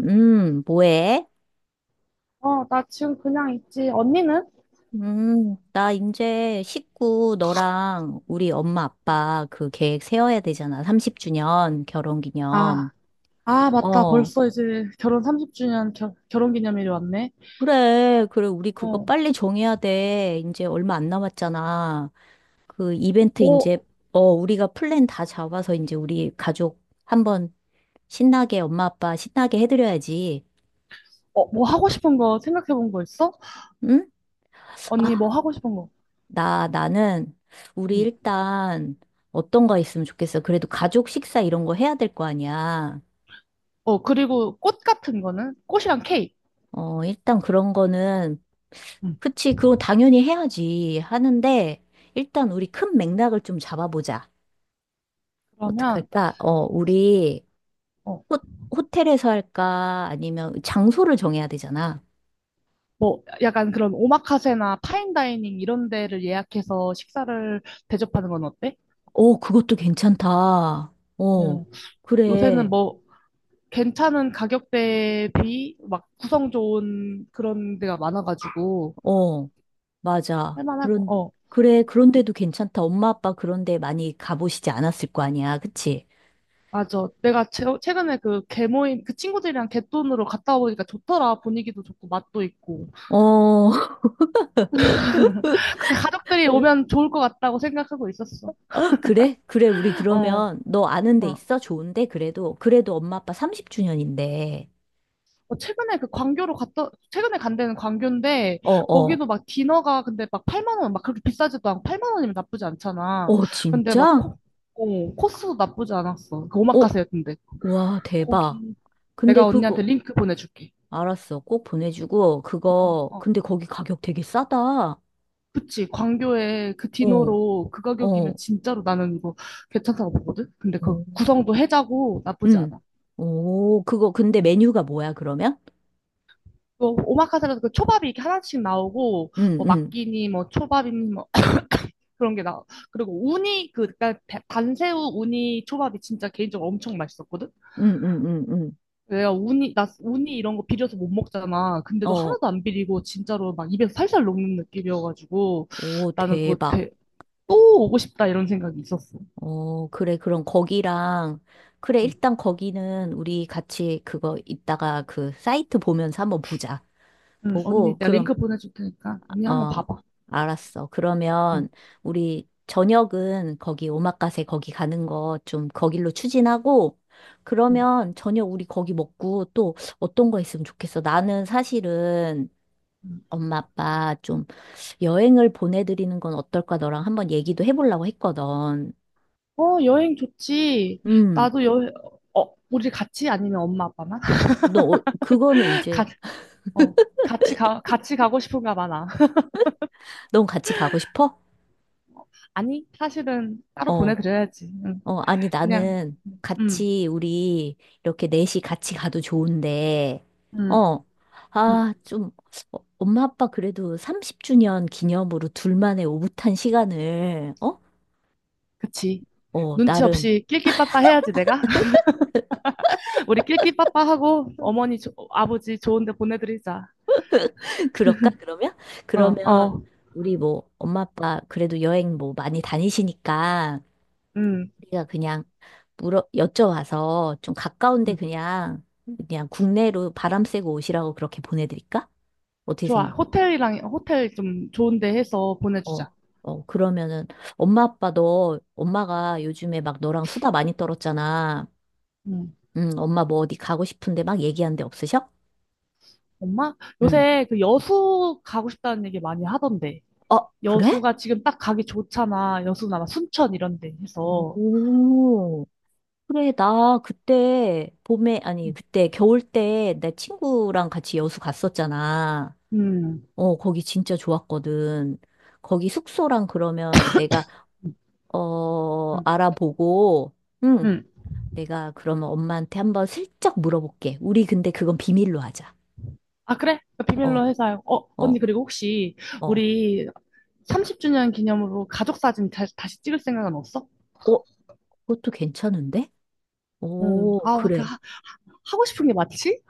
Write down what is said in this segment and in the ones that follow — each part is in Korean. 뭐해? 어, 나 지금 그냥 있지. 언니는? 나 이제 식구 너랑 우리 엄마 아빠 그 계획 세워야 되잖아. 30주년 결혼 기념. 아, 아, 맞다. 어, 벌써 이제 결혼 30주년 결 결혼 기념일이 왔네. 그래. 그래. 우리 그거 어, 빨리 정해야 돼. 이제 얼마 안 남았잖아. 그 이벤트 뭐, 이제, 어, 우리가 플랜 다 잡아서 이제 우리 가족 한번 신나게 엄마 아빠 신나게 해드려야지. 뭐 하고 싶은 거 생각해 본 거 있어? 응? 아, 언니 뭐 하고 싶은 거? 나는, 우리 응. 일단, 어떤 거 있으면 좋겠어. 그래도 가족 식사 이런 거 해야 될 거 아니야. 그리고 꽃 같은 거는? 꽃이랑 케이크. 어, 일단 그런 거는, 응. 그치, 그건 당연히 해야지. 하는데, 일단 우리 큰 맥락을 좀 잡아보자. 그러면, 어떡할까? 어, 우리, 어, 호, 호텔에서 할까? 아니면 장소를 정해야 되잖아. 뭐, 약간 그런 오마카세나 파인다이닝 이런 데를 예약해서 식사를 대접하는 건 어때? 어, 그것도 괜찮다. 어, 응. 요새는 그래. 뭐, 괜찮은 가격대 비, 막 구성 좋은 그런 데가 많아가지고, 어. 맞아. 할만하고, 그런, 그래, 그런데도 괜찮다. 엄마 아빠 그런데 많이 가보시지 않았을 거 아니야. 그치? 맞아. 내가 최근에 그 개모임, 그 친구들이랑 갯돈으로 갔다 와보니까 좋더라. 분위기도 좋고, 맛도 있고. 어, 그 가족들이 오면 좋을 것 같다고 생각하고 있었어. 아, 그래? 그래, 우리 어, 그러면 너 아는 데 어. 있어? 좋은데? 그래도, 그래도 엄마 아빠 30주년인데. 최근에 그 광교로 갔다, 최근에 간 데는 광교인데, 어, 어. 거기도 막 디너가 근데 막 8만 원, 막 그렇게 비싸지도 않고 8만 원이면 나쁘지 않잖아. 어, 근데 막 진짜? 코스도 나쁘지 않았어. 그 어, 오마카세였는데. 와, 대박. 거기, 근데 내가 언니한테 그거, 링크 보내줄게. 알았어. 꼭 보내주고, 어, 그거, 어. 근데 거기 가격 되게 싸다. 어, 그치, 광교에 그 디노로 그 가격이면 어, 진짜로 나는 이거 괜찮다고 보거든? 근데 그 오. 구성도 해자고 나쁘지 응. 않아. 오, 그거, 근데 음. 메뉴가 뭐야, 그러면? 또 오마카세라서 그 초밥이 이렇게 하나씩 나오고, 응, 뭐 응. 막기니, 뭐 초밥이니, 뭐 그런 게 나와. 그리고 우니, 그니까 단새우 우니 초밥이 진짜 개인적으로 엄청 맛있었거든? 응, 응, 응, 응. 나 우니 이런 거 비려서 못 먹잖아. 근데도 어, 하나도 안 비리고 진짜로 막 입에서 살살 녹는 느낌이어가지고 오, 나는 대박. 또 오고 싶다 이런 생각이 있었어. 어, 그래, 그럼 거기랑, 그래, 일단 거기는 우리 같이 그거 이따가 그 사이트 보면서 한번 보자. 응, 언니, 보고, 내가 그럼, 링크 보내줄 테니까 언니 한번 어, 봐봐. 알았어. 응. 그러면 우리 저녁은 거기 오마카세 거기 가는 거 좀 거길로 추진하고, 응. 그러면 저녁 우리 거기 먹고 또 어떤 거 있으면 좋겠어. 나는 사실은 엄마 아빠 좀 여행을 보내드리는 건 어떨까 너랑 한번 얘기도 해보려고 했거든. 여행 좋지. 음, 나도 여행, 우리 같이 아니면 엄마 아빠만? 너, 어, 그거는 이제, 가, 어, 같이 가, 같이 가고 싶은가 많아. 넌 같이 가고 싶어? 아니, 사실은 따로 어, 보내드려야지. 응. 어, 아니, 그냥, 나는 응, 같이, 우리, 이렇게 넷이 같이 가도 좋은데, 응, 어, 응, 아, 좀, 어, 엄마 아빠 그래도 30주년 기념으로 둘만의 오붓한 시간을, 어? 그치. 어, 눈치 나름, 없이 낄낄빠빠 해야지, 내가. 우리 낄낄빠빠 하고 어머니, 아버지 좋은 데 보내드리자. 그럴까, 그러면? 어, 그러면, 어, 우리 뭐, 엄마 아빠 그래도 여행 뭐 많이 다니시니까, 응, 우리가 그냥 물어 여쭤와서 좀 가까운데 응. 그냥 그냥 국내로 바람 쐬고 오시라고 그렇게 보내드릴까? 어떻게 좋아. 생각? 호텔 좀 좋은 데 해서 어, 보내주자. 어 그러면은 엄마 아빠도 엄마가 요즘에 막 너랑 수다 많이 떨었잖아. 응. 응, 엄마 뭐 어디 가고 싶은데 막 얘기한 데 없으셔? 엄마? 응. 요새 그 여수 가고 싶다는 얘기 많이 하던데. 어, 그래? 여수가 지금 딱 가기 좋잖아. 여수나 막 순천 이런 데 해서. 오. 그래, 나 그때 봄에, 아니, 그때 겨울 때 내 친구랑 같이 여수 갔었잖아. 음, 어, 거기 진짜 좋았거든. 거기 숙소랑 그러면 내가, 어, 음, 알아보고, 응, 음. 내가 그러면 엄마한테 한번 슬쩍 물어볼게. 우리 근데 그건 비밀로 하자. 아, 그래? 그 어, 비밀로 해서. 언니, 어, 그리고 혹시 어. 우리 30주년 기념으로 가족 사진 다시 찍을 생각은 없어? 어, 그것도 괜찮은데? 응. 오, 아, 그 그래. 하고 싶은 게 맞지?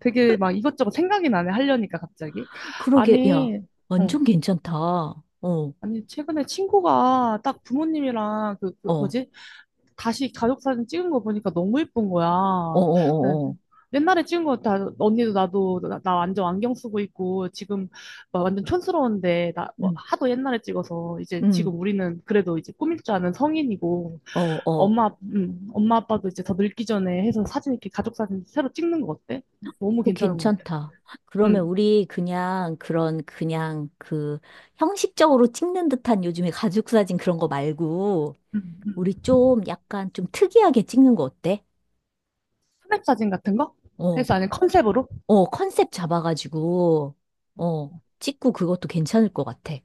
되게 막 이것저것 생각이 나네. 하려니까 갑자기. 그러게, 야, 아니, 어. 완전 괜찮다. 어, 어, 아니, 최근에 친구가 딱 부모님이랑 그 어, 뭐지? 다시 가족 사진 찍은 거 보니까 너무 예쁜 어, 거야. 네, 어, 어. 옛날에 찍은 거 다 언니도 나도 나 완전 안경 쓰고 있고 지금 막 완전 촌스러운데 나 뭐 응, 하도 옛날에 찍어서 이제 응, 지금 우리는 그래도 이제 꾸밀 줄 아는 성인이고 어, 어. 엄마 엄마 아빠도 이제 더 늙기 전에 해서 사진 이렇게 가족 사진 새로 찍는 거 어때? 너무 오, 괜찮은 것 같아. 괜찮다. 그러면 응. 우리 그냥 그런 그냥 그 형식적으로 찍는 듯한 요즘에 가족 사진 그런 거 말고 응, 우리 응. 좀 약간 좀 특이하게 찍는 거 어때? 스냅 사진 같은 거? 어, 해서 아니 컨셉으로? 어, 컨셉 잡아가지고 어, 찍고 그것도 괜찮을 것 같아.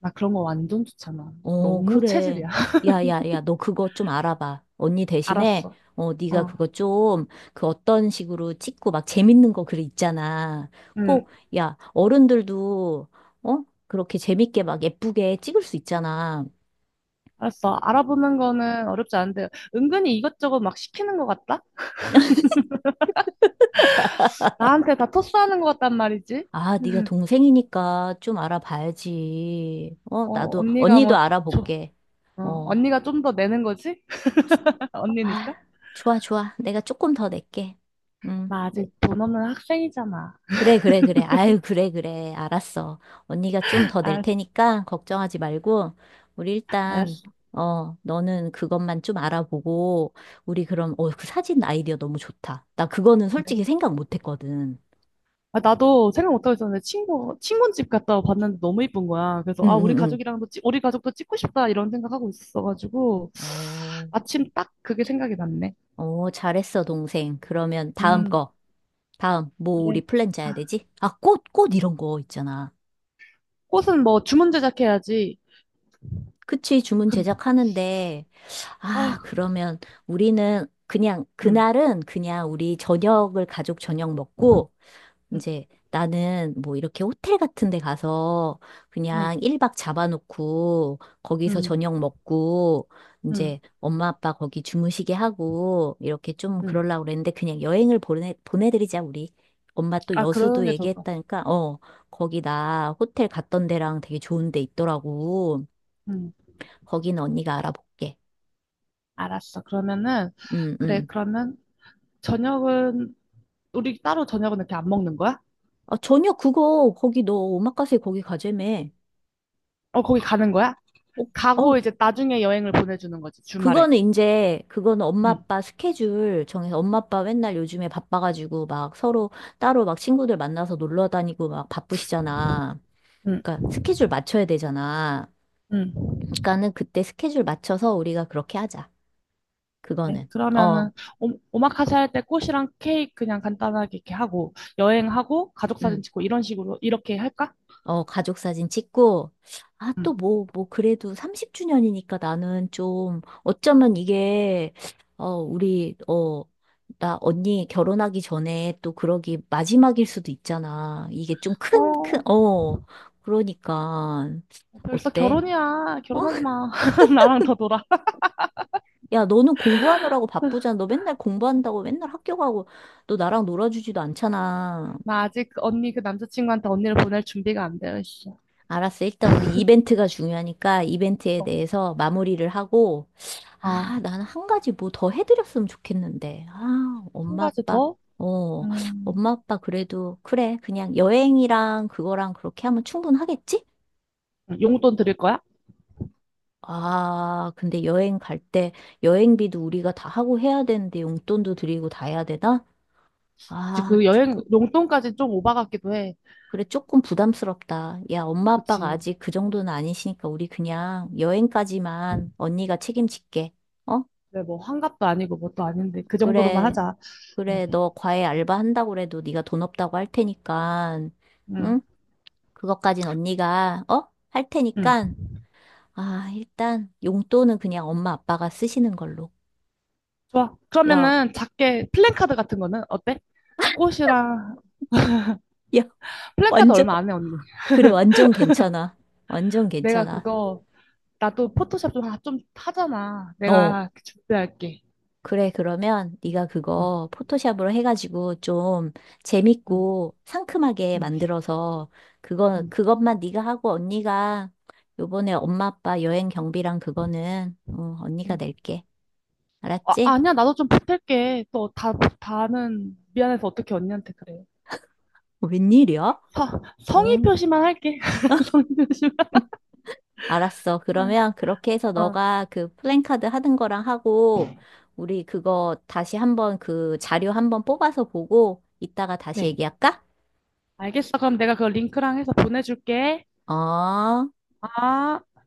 나 그런 거 완전 좋잖아. 어, 너무 그래. 체질이야. 야, 야, 야, 너 그거 좀 알아봐. 언니 대신에, 알았어. 어, 어. 네가 그거 좀, 그 어떤 식으로 찍고 막 재밌는 거 글 있잖아. 응. 꼭, 야, 어른들도, 어? 그렇게 재밌게 막 예쁘게 찍을 수 있잖아. 알았어. 알아보는 거는 어렵지 않은데, 은근히 이것저것 막 시키는 것 같다? 나한테 다 토스하는 것 같단 말이지? 아, 네가 동생이니까 좀 알아봐야지. 어, 나도, 언니가 언니도 뭐, 줘. 알아볼게. 어, 언니가 좀 더 내는 거지? 아, 언니니까? 좋아, 좋아. 내가 조금 더 낼게. 응. 나 아직 돈 없는 학생이잖아. 그래, 그래, 그래. 아유, 그래, 그래. 알았어. 언니가 좀 더 낼 알았어, 테니까 걱정하지 말고, 우리 일단, 알았어. 어, 너는 그것만 좀 알아보고, 우리 그럼, 어, 그 사진 아이디어 너무 좋다. 나 그거는 그래. 솔직히 생각 못 했거든. 아, 나도 생각 못하고 있었는데, 친구 집 갔다 봤는데 너무 이쁜 거야. 그래서, 응, 아, 우리 응, 응. 가족이랑도, 우리 가족도 찍고 싶다, 이런 생각하고 있어가지고, 어, 마침 딱 그게 생각이 났네. 어, 잘했어, 동생. 그러면 다음 음, 거. 다음, 뭐, 그래. 우리 플랜 짜야 아, 되지? 아, 꽃 이런 거 있잖아. 꽃은 뭐 주문 제작해야지. 그치, 주문 그- 제작하는데, 아, 아, 그러면 우리는 그냥, 응, 그날은 그냥 우리 저녁을 가족 저녁 먹고, 응. 이제 나는 뭐 이렇게 호텔 같은 데 가서 응, 그냥 1박 잡아놓고 거기서 응, 저녁 먹고, 응, 이제 엄마 아빠 거기 주무시게 하고, 이렇게 좀 응. 그러려고 그랬는데 그냥 여행을 보내드리자, 우리. 엄마 또 아, 그러는 여수도 게 좋을 것 같아. 얘기했다니까, 어, 거기 나 호텔 갔던 데랑 되게 좋은 데 있더라고. 응, 거기는 언니가 알아볼게. 알았어. 그러면은, 응, 그래, 응. 그러면 저녁은, 우리 따로 저녁은 이렇게 안 먹는 거야? 아, 전혀 그거, 거기 너 오마카세 거기 가재매. 거기 가는 거야? 어, 가고 어, 이제 나중에 여행을 보내주는 거지, 주말에. 그거는 이제, 그거는 엄마 응, 아빠 스케줄 정해서 엄마 아빠 맨날 요즘에 바빠가지고 막 서로 따로 막 친구들 만나서 놀러 다니고 막 바쁘시잖아. 응, 그러니까 스케줄 맞춰야 되잖아. 응. 그러니까는 그때 스케줄 맞춰서 우리가 그렇게 하자. 네, 그거는. 어, 그러면은, 오마카세 할 때 꽃이랑 케이크 그냥 간단하게 이렇게 하고, 여행하고, 가족 사진 음. 찍고, 이런 식으로, 이렇게 할까? 어, 가족 사진 찍고, 아, 또 응. 뭐, 뭐, 그래도 30주년이니까 나는 좀, 어쩌면 이게, 어, 우리, 어, 나 언니 결혼하기 전에 또 그러기 마지막일 수도 있잖아. 이게 좀 큰, 어, 어, 그러니까, 어, 벌써 어때? 결혼이야. 어? 결혼하지 마. 나랑 더 놀아. 야, 너는 공부하느라고 바쁘잖아. 너 맨날 공부한다고 맨날 학교 가고, 너 나랑 놀아주지도 않잖아. 나 아직 그 언니 그 남자친구한테 언니를 보낼 준비가 안 되어 있어. 알았어. 일단 우리 이벤트가 중요하니까 이벤트에 대해서 마무리를 하고, 어. 아, 나는 한 가지 뭐 더 해드렸으면 좋겠는데. 아, 한 엄마 가지 아빠, 더? 어, 음, 엄마 아빠 그래도, 그래. 그냥 여행이랑 그거랑 그렇게 하면 충분하겠지? 용돈 드릴 거야? 아, 근데 여행 갈 때 여행비도 우리가 다 하고 해야 되는데 용돈도 드리고 다 해야 되나? 그치, 아, 그 여행, 조금. 용돈까지 좀 오바 같기도 해. 그래, 조금 부담스럽다. 야, 엄마 아빠가 그치. 아직 그 정도는 아니시니까 우리 그냥 여행까지만 언니가 책임질게. 어? 근데 뭐 환갑도 아니고 뭣도 아닌데 그 정도로만 그래, 하자. 응, 그래, 너 과외 알바 한다고 그래도 네가 돈 없다고 할 테니까, 응, 응? 그것까진 언니가, 어? 할 응. 테니까, 아, 일단 용돈은 그냥 엄마 아빠가 쓰시는 걸로. 좋아. 야, 그러면은 작게 플랜카드 같은 거는 어때? 꽃이랑 야, 플랜카드 완전, 얼마 안 해, 언니. 그래, 완전 괜찮아. 완전 내가 괜찮아. 그거 나도 포토샵 좀, 좀 하잖아. 어, 내가 준비할게. 그래, 그러면 네가 어, 그거 포토샵으로 해가지고 좀 응, 재밌고 상큼하게 응, 만들어서 그거, 응. 그것만 네가 하고 언니가 요번에 엄마 아빠 여행 경비랑 그거는 어, 언니가 낼게. 아, 알았지? 아니야, 나도 좀 보탤게. 또 다는 미안해서 어떻게 언니한테 그래. 어, 웬일이야? 서, 성의 어, 표시만 할게. 성의 표시만. 알았어. 그러면 그렇게 해서 어, 너가 그 플랜카드 하는 거랑 하고 우리 그거 다시 한번 그 자료 한번 뽑아서 보고 이따가 다시 네. 얘기할까? 알겠어. 그럼 내가 그 링크랑 해서 보내줄게. 어. 아.